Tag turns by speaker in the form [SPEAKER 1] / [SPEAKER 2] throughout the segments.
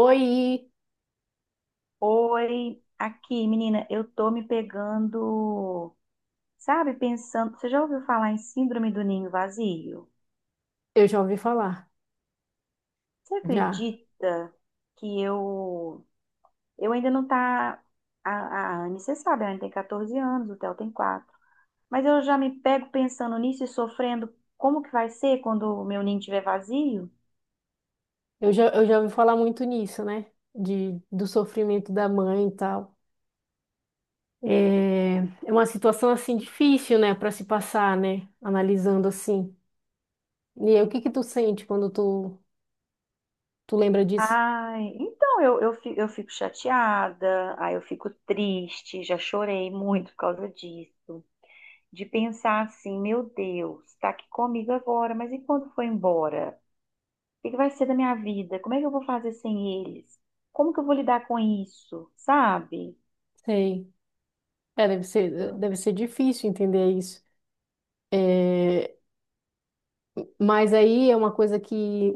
[SPEAKER 1] Oi,
[SPEAKER 2] Oi, aqui, menina, eu tô me pegando, sabe, pensando. Você já ouviu falar em síndrome do ninho vazio?
[SPEAKER 1] eu já ouvi falar,
[SPEAKER 2] Você
[SPEAKER 1] já.
[SPEAKER 2] acredita que eu ainda não tá a Anne, você sabe, a Anne tem 14 anos, o Theo tem 4. Mas eu já me pego pensando nisso e sofrendo como que vai ser quando o meu ninho estiver vazio?
[SPEAKER 1] Eu já ouvi falar muito nisso, né? Do sofrimento da mãe e tal. É, é uma situação assim difícil, né, para se passar, né? Analisando assim. E aí, o que que tu sente quando tu lembra disso?
[SPEAKER 2] Ai, então eu fico chateada, aí eu fico triste, já chorei muito por causa disso. De pensar assim, meu Deus, está aqui comigo agora, mas e quando for embora? O que que vai ser da minha vida? Como é que eu vou fazer sem eles? Como que eu vou lidar com isso? Sabe?
[SPEAKER 1] Sei. É, deve ser difícil entender isso. É, mas aí é uma coisa que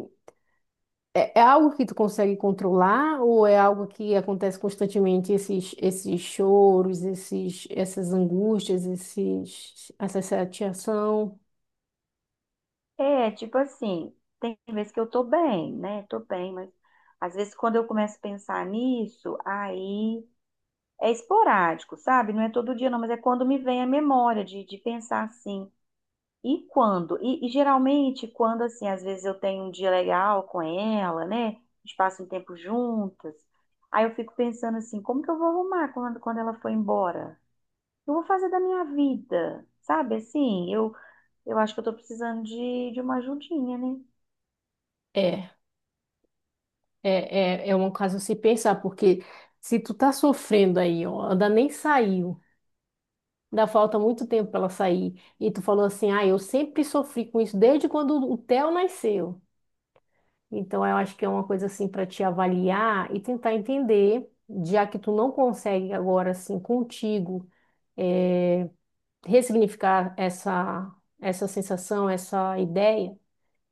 [SPEAKER 1] É, é algo que tu consegue controlar ou é algo que acontece constantemente, esses choros, essas angústias, essa chateação?
[SPEAKER 2] É, tipo assim, tem vezes que eu tô bem, né? Tô bem, mas às vezes quando eu começo a pensar nisso, aí é esporádico, sabe? Não é todo dia, não, mas é quando me vem a memória de pensar assim. E quando? E geralmente, quando assim, às vezes eu tenho um dia legal com ela, né? A gente passa um tempo juntas. Aí eu fico pensando assim, como que eu vou arrumar quando ela for embora? O que eu vou fazer da minha vida, sabe? Assim, eu acho que eu tô precisando de uma ajudinha, né?
[SPEAKER 1] É, é, é um caso a se pensar, porque se tu tá sofrendo aí, ó, ainda nem saiu, ainda falta muito tempo pra ela sair, e tu falou assim, ah, eu sempre sofri com isso desde quando o Theo nasceu. Então, eu acho que é uma coisa assim para te avaliar e tentar entender, já que tu não consegue agora assim contigo é, ressignificar essa sensação, essa ideia,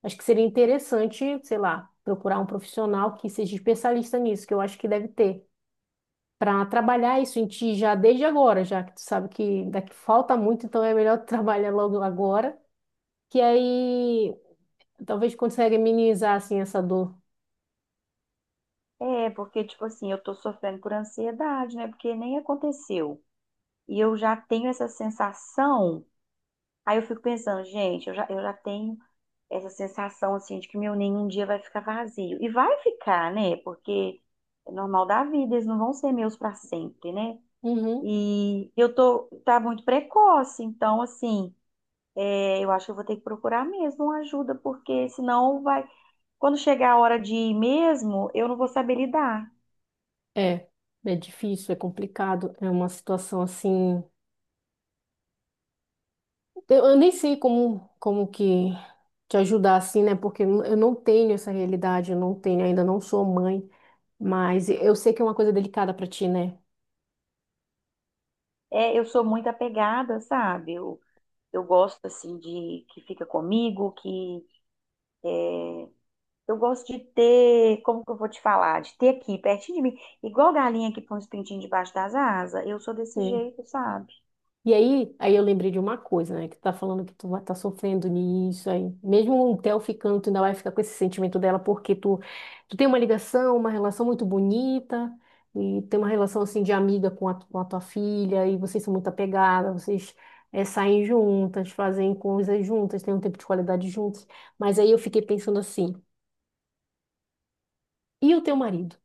[SPEAKER 1] acho que seria interessante, sei lá, procurar um profissional que seja especialista nisso, que eu acho que deve ter, para trabalhar isso em ti já desde agora, já que tu sabe que daqui falta muito, então é melhor tu trabalhar logo agora, que aí talvez consiga minimizar assim essa dor.
[SPEAKER 2] É, porque, tipo assim, eu tô sofrendo por ansiedade, né? Porque nem aconteceu. E eu já tenho essa sensação. Aí eu fico pensando, gente, eu já tenho essa sensação assim de que meu ninho um dia vai ficar vazio. E vai ficar, né? Porque é normal da vida, eles não vão ser meus para sempre, né?
[SPEAKER 1] Uhum.
[SPEAKER 2] E eu tô muito precoce, então assim, é, eu acho que eu vou ter que procurar mesmo uma ajuda, porque senão vai, quando chegar a hora de ir mesmo, eu não vou saber lidar.
[SPEAKER 1] É, é difícil, é complicado, é uma situação assim. Eu nem sei como que te ajudar assim, né? Porque eu não tenho essa realidade, eu não tenho, ainda não sou mãe, mas eu sei que é uma coisa delicada pra ti, né?
[SPEAKER 2] É, eu sou muito apegada, sabe? Eu gosto assim de que fica comigo, que eu gosto de ter, como que eu vou te falar? De ter aqui, pertinho de mim. Igual galinha que põe os pintinhos debaixo das asas. Eu sou desse jeito, sabe?
[SPEAKER 1] Aí eu lembrei de uma coisa, né? Que tu tá falando que tu vai tá sofrendo nisso aí. Mesmo o Theo ficando, tu ainda vai ficar com esse sentimento dela porque tu tem uma ligação, uma relação muito bonita e tem uma relação assim de amiga com a tua filha, e vocês são muito apegadas, vocês saem juntas, fazem coisas juntas, têm um tempo de qualidade juntas. Mas aí eu fiquei pensando assim, e o teu marido?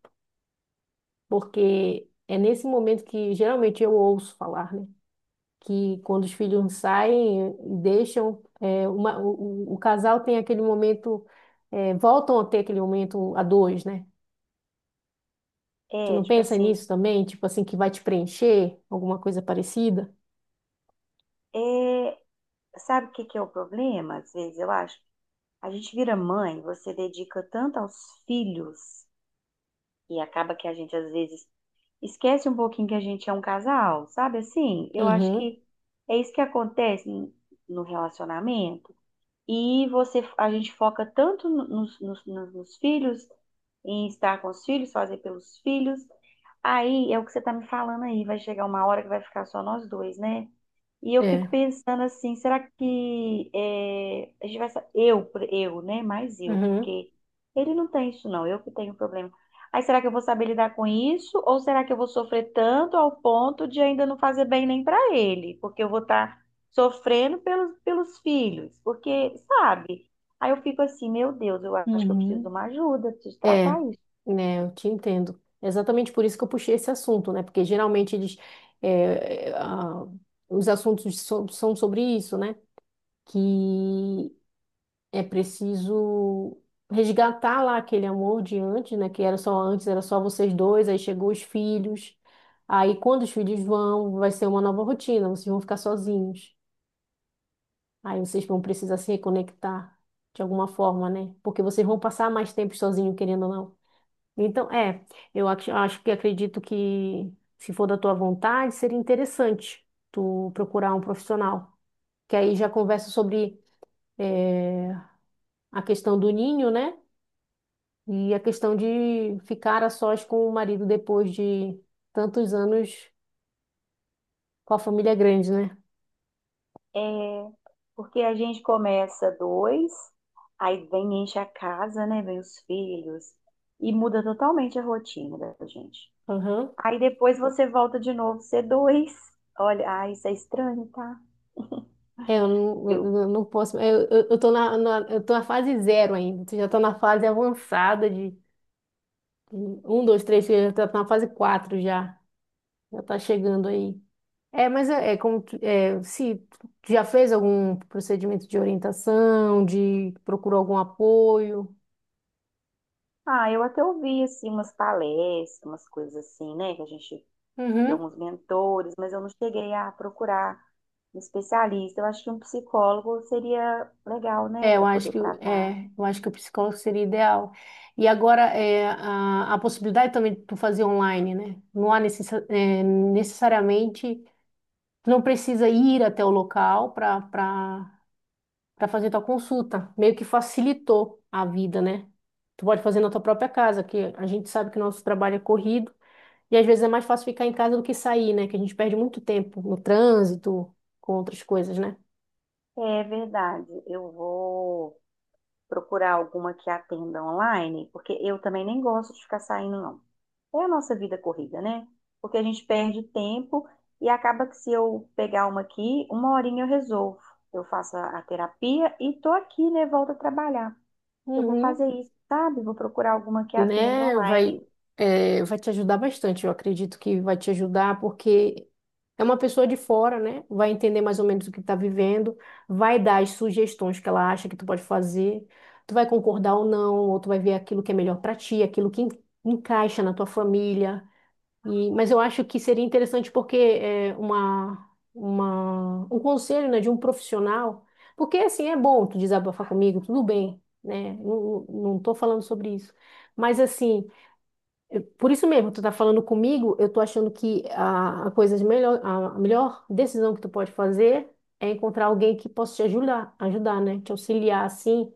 [SPEAKER 1] Porque é nesse momento que geralmente eu ouço falar, né? Que quando os filhos saem, deixam o casal tem aquele momento, é, voltam a ter aquele momento a dois, né? Tu
[SPEAKER 2] É,
[SPEAKER 1] não
[SPEAKER 2] tipo
[SPEAKER 1] pensa
[SPEAKER 2] assim,
[SPEAKER 1] nisso também? Tipo assim, que vai te preencher, alguma coisa parecida?
[SPEAKER 2] é, sabe o que que é o problema? Às vezes, eu acho. A gente vira mãe, você dedica tanto aos filhos e acaba que a gente, às vezes, esquece um pouquinho que a gente é um casal, sabe assim? Eu acho
[SPEAKER 1] Uhum,
[SPEAKER 2] que é isso que acontece no relacionamento. E você, a gente foca tanto nos filhos, em estar com os filhos, fazer pelos filhos. Aí é o que você está me falando aí, vai chegar uma hora que vai ficar só nós dois, né? E eu fico
[SPEAKER 1] é.
[SPEAKER 2] pensando assim, será que é, a gente vai sa- eu, por- eu, né? Mais eu,
[SPEAKER 1] Uhum,
[SPEAKER 2] porque ele não tem isso não, eu que tenho problema. Aí será que eu vou saber lidar com isso? Ou será que eu vou sofrer tanto ao ponto de ainda não fazer bem nem para ele? Porque eu vou estar sofrendo pelos filhos, porque, sabe? Aí eu fico assim, meu Deus, eu acho que eu preciso de
[SPEAKER 1] uhum.
[SPEAKER 2] uma ajuda, preciso
[SPEAKER 1] É,
[SPEAKER 2] tratar isso.
[SPEAKER 1] né, eu te entendo. Exatamente por isso que eu puxei esse assunto, né? Porque geralmente eles, é, é, a- os são sobre isso, né? Que é preciso resgatar lá aquele amor de antes, né? Que era só antes, era só vocês dois, aí chegou os filhos. Aí quando os filhos vão, vai ser uma nova rotina, vocês vão ficar sozinhos. Aí vocês vão precisar se reconectar de alguma forma, né? Porque vocês vão passar mais tempo sozinhos, querendo ou não. Então, é, eu acho que acredito que, se for da tua vontade, seria interessante tu procurar um profissional, que aí já conversa sobre eh, a questão do ninho, né? E a questão de ficar a sós com o marido depois de tantos anos com a família grande, né?
[SPEAKER 2] É, porque a gente começa dois, aí vem, enche a casa, né? Vem os filhos, e muda totalmente a rotina da gente.
[SPEAKER 1] Aham.
[SPEAKER 2] Aí depois você volta de novo, ser dois. Olha, ah, isso é estranho, tá?
[SPEAKER 1] É,
[SPEAKER 2] Eu,
[SPEAKER 1] eu não posso. Eu tô eu tô na fase zero ainda. Tu já tá na fase avançada de um, dois, três, tu já tá na fase quatro já. Já tá chegando aí. É, mas é, é como é, se tu já fez algum procedimento de orientação, de procurou algum apoio.
[SPEAKER 2] ah, eu até ouvi, assim, umas palestras, umas coisas assim, né? Que a gente, de
[SPEAKER 1] Uhum.
[SPEAKER 2] alguns mentores, mas eu não cheguei a procurar um especialista. Eu acho que um psicólogo seria legal, né,
[SPEAKER 1] É,
[SPEAKER 2] para poder tratar.
[SPEAKER 1] eu acho que o psicólogo seria ideal. E agora é a possibilidade também de tu fazer online, né? Não há necessariamente, tu não precisa ir até o local para fazer tua consulta. Meio que facilitou a vida, né? Tu pode fazer na tua própria casa, que a gente sabe que o nosso trabalho é corrido. E às vezes é mais fácil ficar em casa do que sair, né? Que a gente perde muito tempo no trânsito, com outras coisas, né?
[SPEAKER 2] É verdade. Eu vou procurar alguma que atenda online, porque eu também nem gosto de ficar saindo, não. É a nossa vida corrida, né? Porque a gente perde tempo e acaba que se eu pegar uma aqui, uma horinha eu resolvo. Eu faço a terapia e tô aqui, né? Volto a trabalhar. Eu vou
[SPEAKER 1] Uhum.
[SPEAKER 2] fazer isso, sabe? Vou procurar alguma que atenda
[SPEAKER 1] Né?
[SPEAKER 2] online.
[SPEAKER 1] Vai te ajudar bastante, eu acredito que vai te ajudar, porque é uma pessoa de fora, né? Vai entender mais ou menos o que está vivendo, vai dar as sugestões que ela acha que tu pode fazer, tu vai concordar ou não, ou tu vai ver aquilo que é melhor para ti, aquilo que encaixa na tua família. Mas eu acho que seria interessante porque é, um conselho, né, de um profissional, porque assim é bom tu desabafar comigo, tudo bem, né? Não tô falando sobre isso. Mas assim, por isso mesmo, tu tá falando comigo, eu tô achando que a a melhor decisão que tu pode fazer é encontrar alguém que possa te ajudar, né? Te auxiliar assim,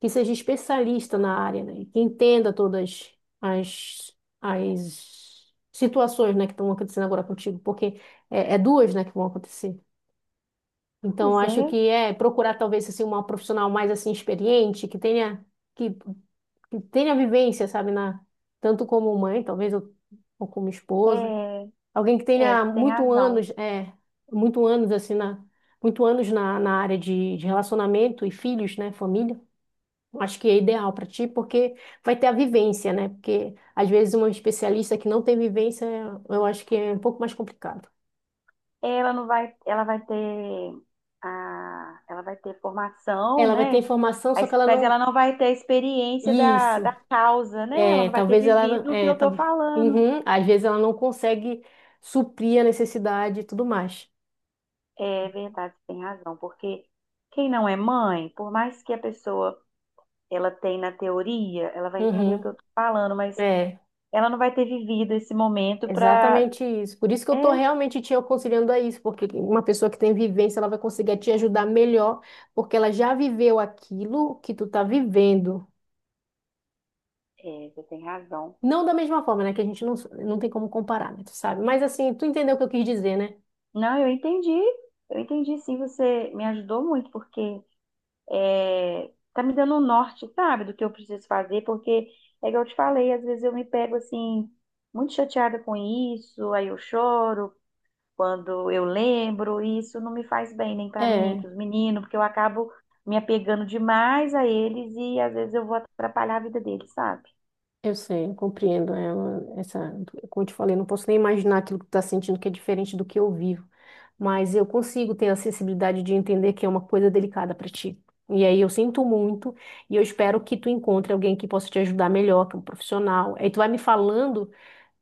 [SPEAKER 1] que seja especialista na área, né? Que entenda todas as, as situações, né, que estão acontecendo agora contigo, porque é, é duas, né, que vão acontecer. Então,
[SPEAKER 2] Pois
[SPEAKER 1] acho
[SPEAKER 2] é,
[SPEAKER 1] que é procurar talvez assim uma profissional mais assim experiente, que tenha que, que tenha vivência, sabe, na tanto como mãe, talvez, ou como esposa,
[SPEAKER 2] é,
[SPEAKER 1] alguém que tenha
[SPEAKER 2] você tem
[SPEAKER 1] muito
[SPEAKER 2] razão.
[SPEAKER 1] anos, é, muito anos assim na muito anos na área de relacionamento e filhos, né, família. Acho que é ideal para ti, porque vai ter a vivência, né? Porque às vezes uma especialista que não tem vivência, eu acho que é um pouco mais complicado.
[SPEAKER 2] Ela não vai, ela vai ter a, ela vai ter formação,
[SPEAKER 1] Ela vai ter
[SPEAKER 2] né?
[SPEAKER 1] informação,
[SPEAKER 2] A
[SPEAKER 1] só que ela
[SPEAKER 2] mas ela
[SPEAKER 1] não.
[SPEAKER 2] não vai ter a experiência da
[SPEAKER 1] Isso.
[SPEAKER 2] causa, né? Ela
[SPEAKER 1] É,
[SPEAKER 2] não vai ter
[SPEAKER 1] talvez ela. Não-
[SPEAKER 2] vivido o que
[SPEAKER 1] É,
[SPEAKER 2] eu
[SPEAKER 1] tal-
[SPEAKER 2] tô falando.
[SPEAKER 1] uhum. Às vezes ela não consegue suprir a necessidade e tudo mais.
[SPEAKER 2] É verdade, você tem razão, porque quem não é mãe, por mais que a pessoa ela tenha na teoria, ela vai entender o que
[SPEAKER 1] Uhum.
[SPEAKER 2] eu tô falando, mas
[SPEAKER 1] É,
[SPEAKER 2] ela não vai ter vivido esse momento para.
[SPEAKER 1] exatamente isso. Por isso que eu
[SPEAKER 2] É,
[SPEAKER 1] estou realmente te aconselhando a isso, porque uma pessoa que tem vivência, ela vai conseguir te ajudar melhor, porque ela já viveu aquilo que tu tá vivendo.
[SPEAKER 2] você tem razão.
[SPEAKER 1] Não da mesma forma, né? Que a gente não, não tem como comparar, né? Tu sabe? Mas assim, tu entendeu o que eu quis dizer, né?
[SPEAKER 2] Não, eu entendi sim, você me ajudou muito, porque é, tá me dando um norte, sabe, do que eu preciso fazer, porque é que eu te falei, às vezes eu me pego assim, muito chateada com isso, aí eu choro quando eu lembro, e isso não me faz bem nem para mim, nem para
[SPEAKER 1] É,
[SPEAKER 2] os meninos, porque eu acabo me apegando demais a eles e às vezes eu vou atrapalhar a vida deles, sabe?
[SPEAKER 1] eu sei, eu compreendo. Essa, como eu te falei, eu não posso nem imaginar aquilo que tu tá sentindo, que é diferente do que eu vivo. Mas eu consigo ter a sensibilidade de entender que é uma coisa delicada para ti. E aí eu sinto muito, e eu espero que tu encontre alguém que possa te ajudar melhor, que é um profissional. Aí tu vai me falando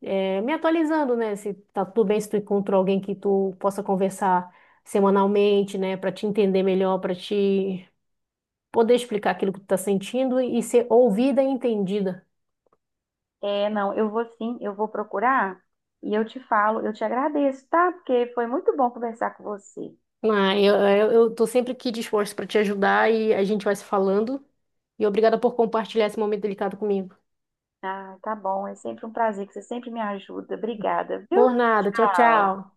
[SPEAKER 1] é, me atualizando, né? Se tá tudo bem, se tu encontrou alguém que tu possa conversar semanalmente, né? Pra te entender melhor, pra te poder explicar aquilo que tu tá sentindo e ser ouvida e entendida.
[SPEAKER 2] É, não, eu vou sim, eu vou procurar e eu te falo, eu te agradeço, tá? Porque foi muito bom conversar com você.
[SPEAKER 1] Ah, eu tô sempre aqui disposto pra te ajudar e a gente vai se falando. E obrigada por compartilhar esse momento delicado comigo.
[SPEAKER 2] Ah, tá bom, é sempre um prazer que você sempre me ajuda. Obrigada, viu?
[SPEAKER 1] Por nada, tchau,
[SPEAKER 2] Tchau.
[SPEAKER 1] tchau.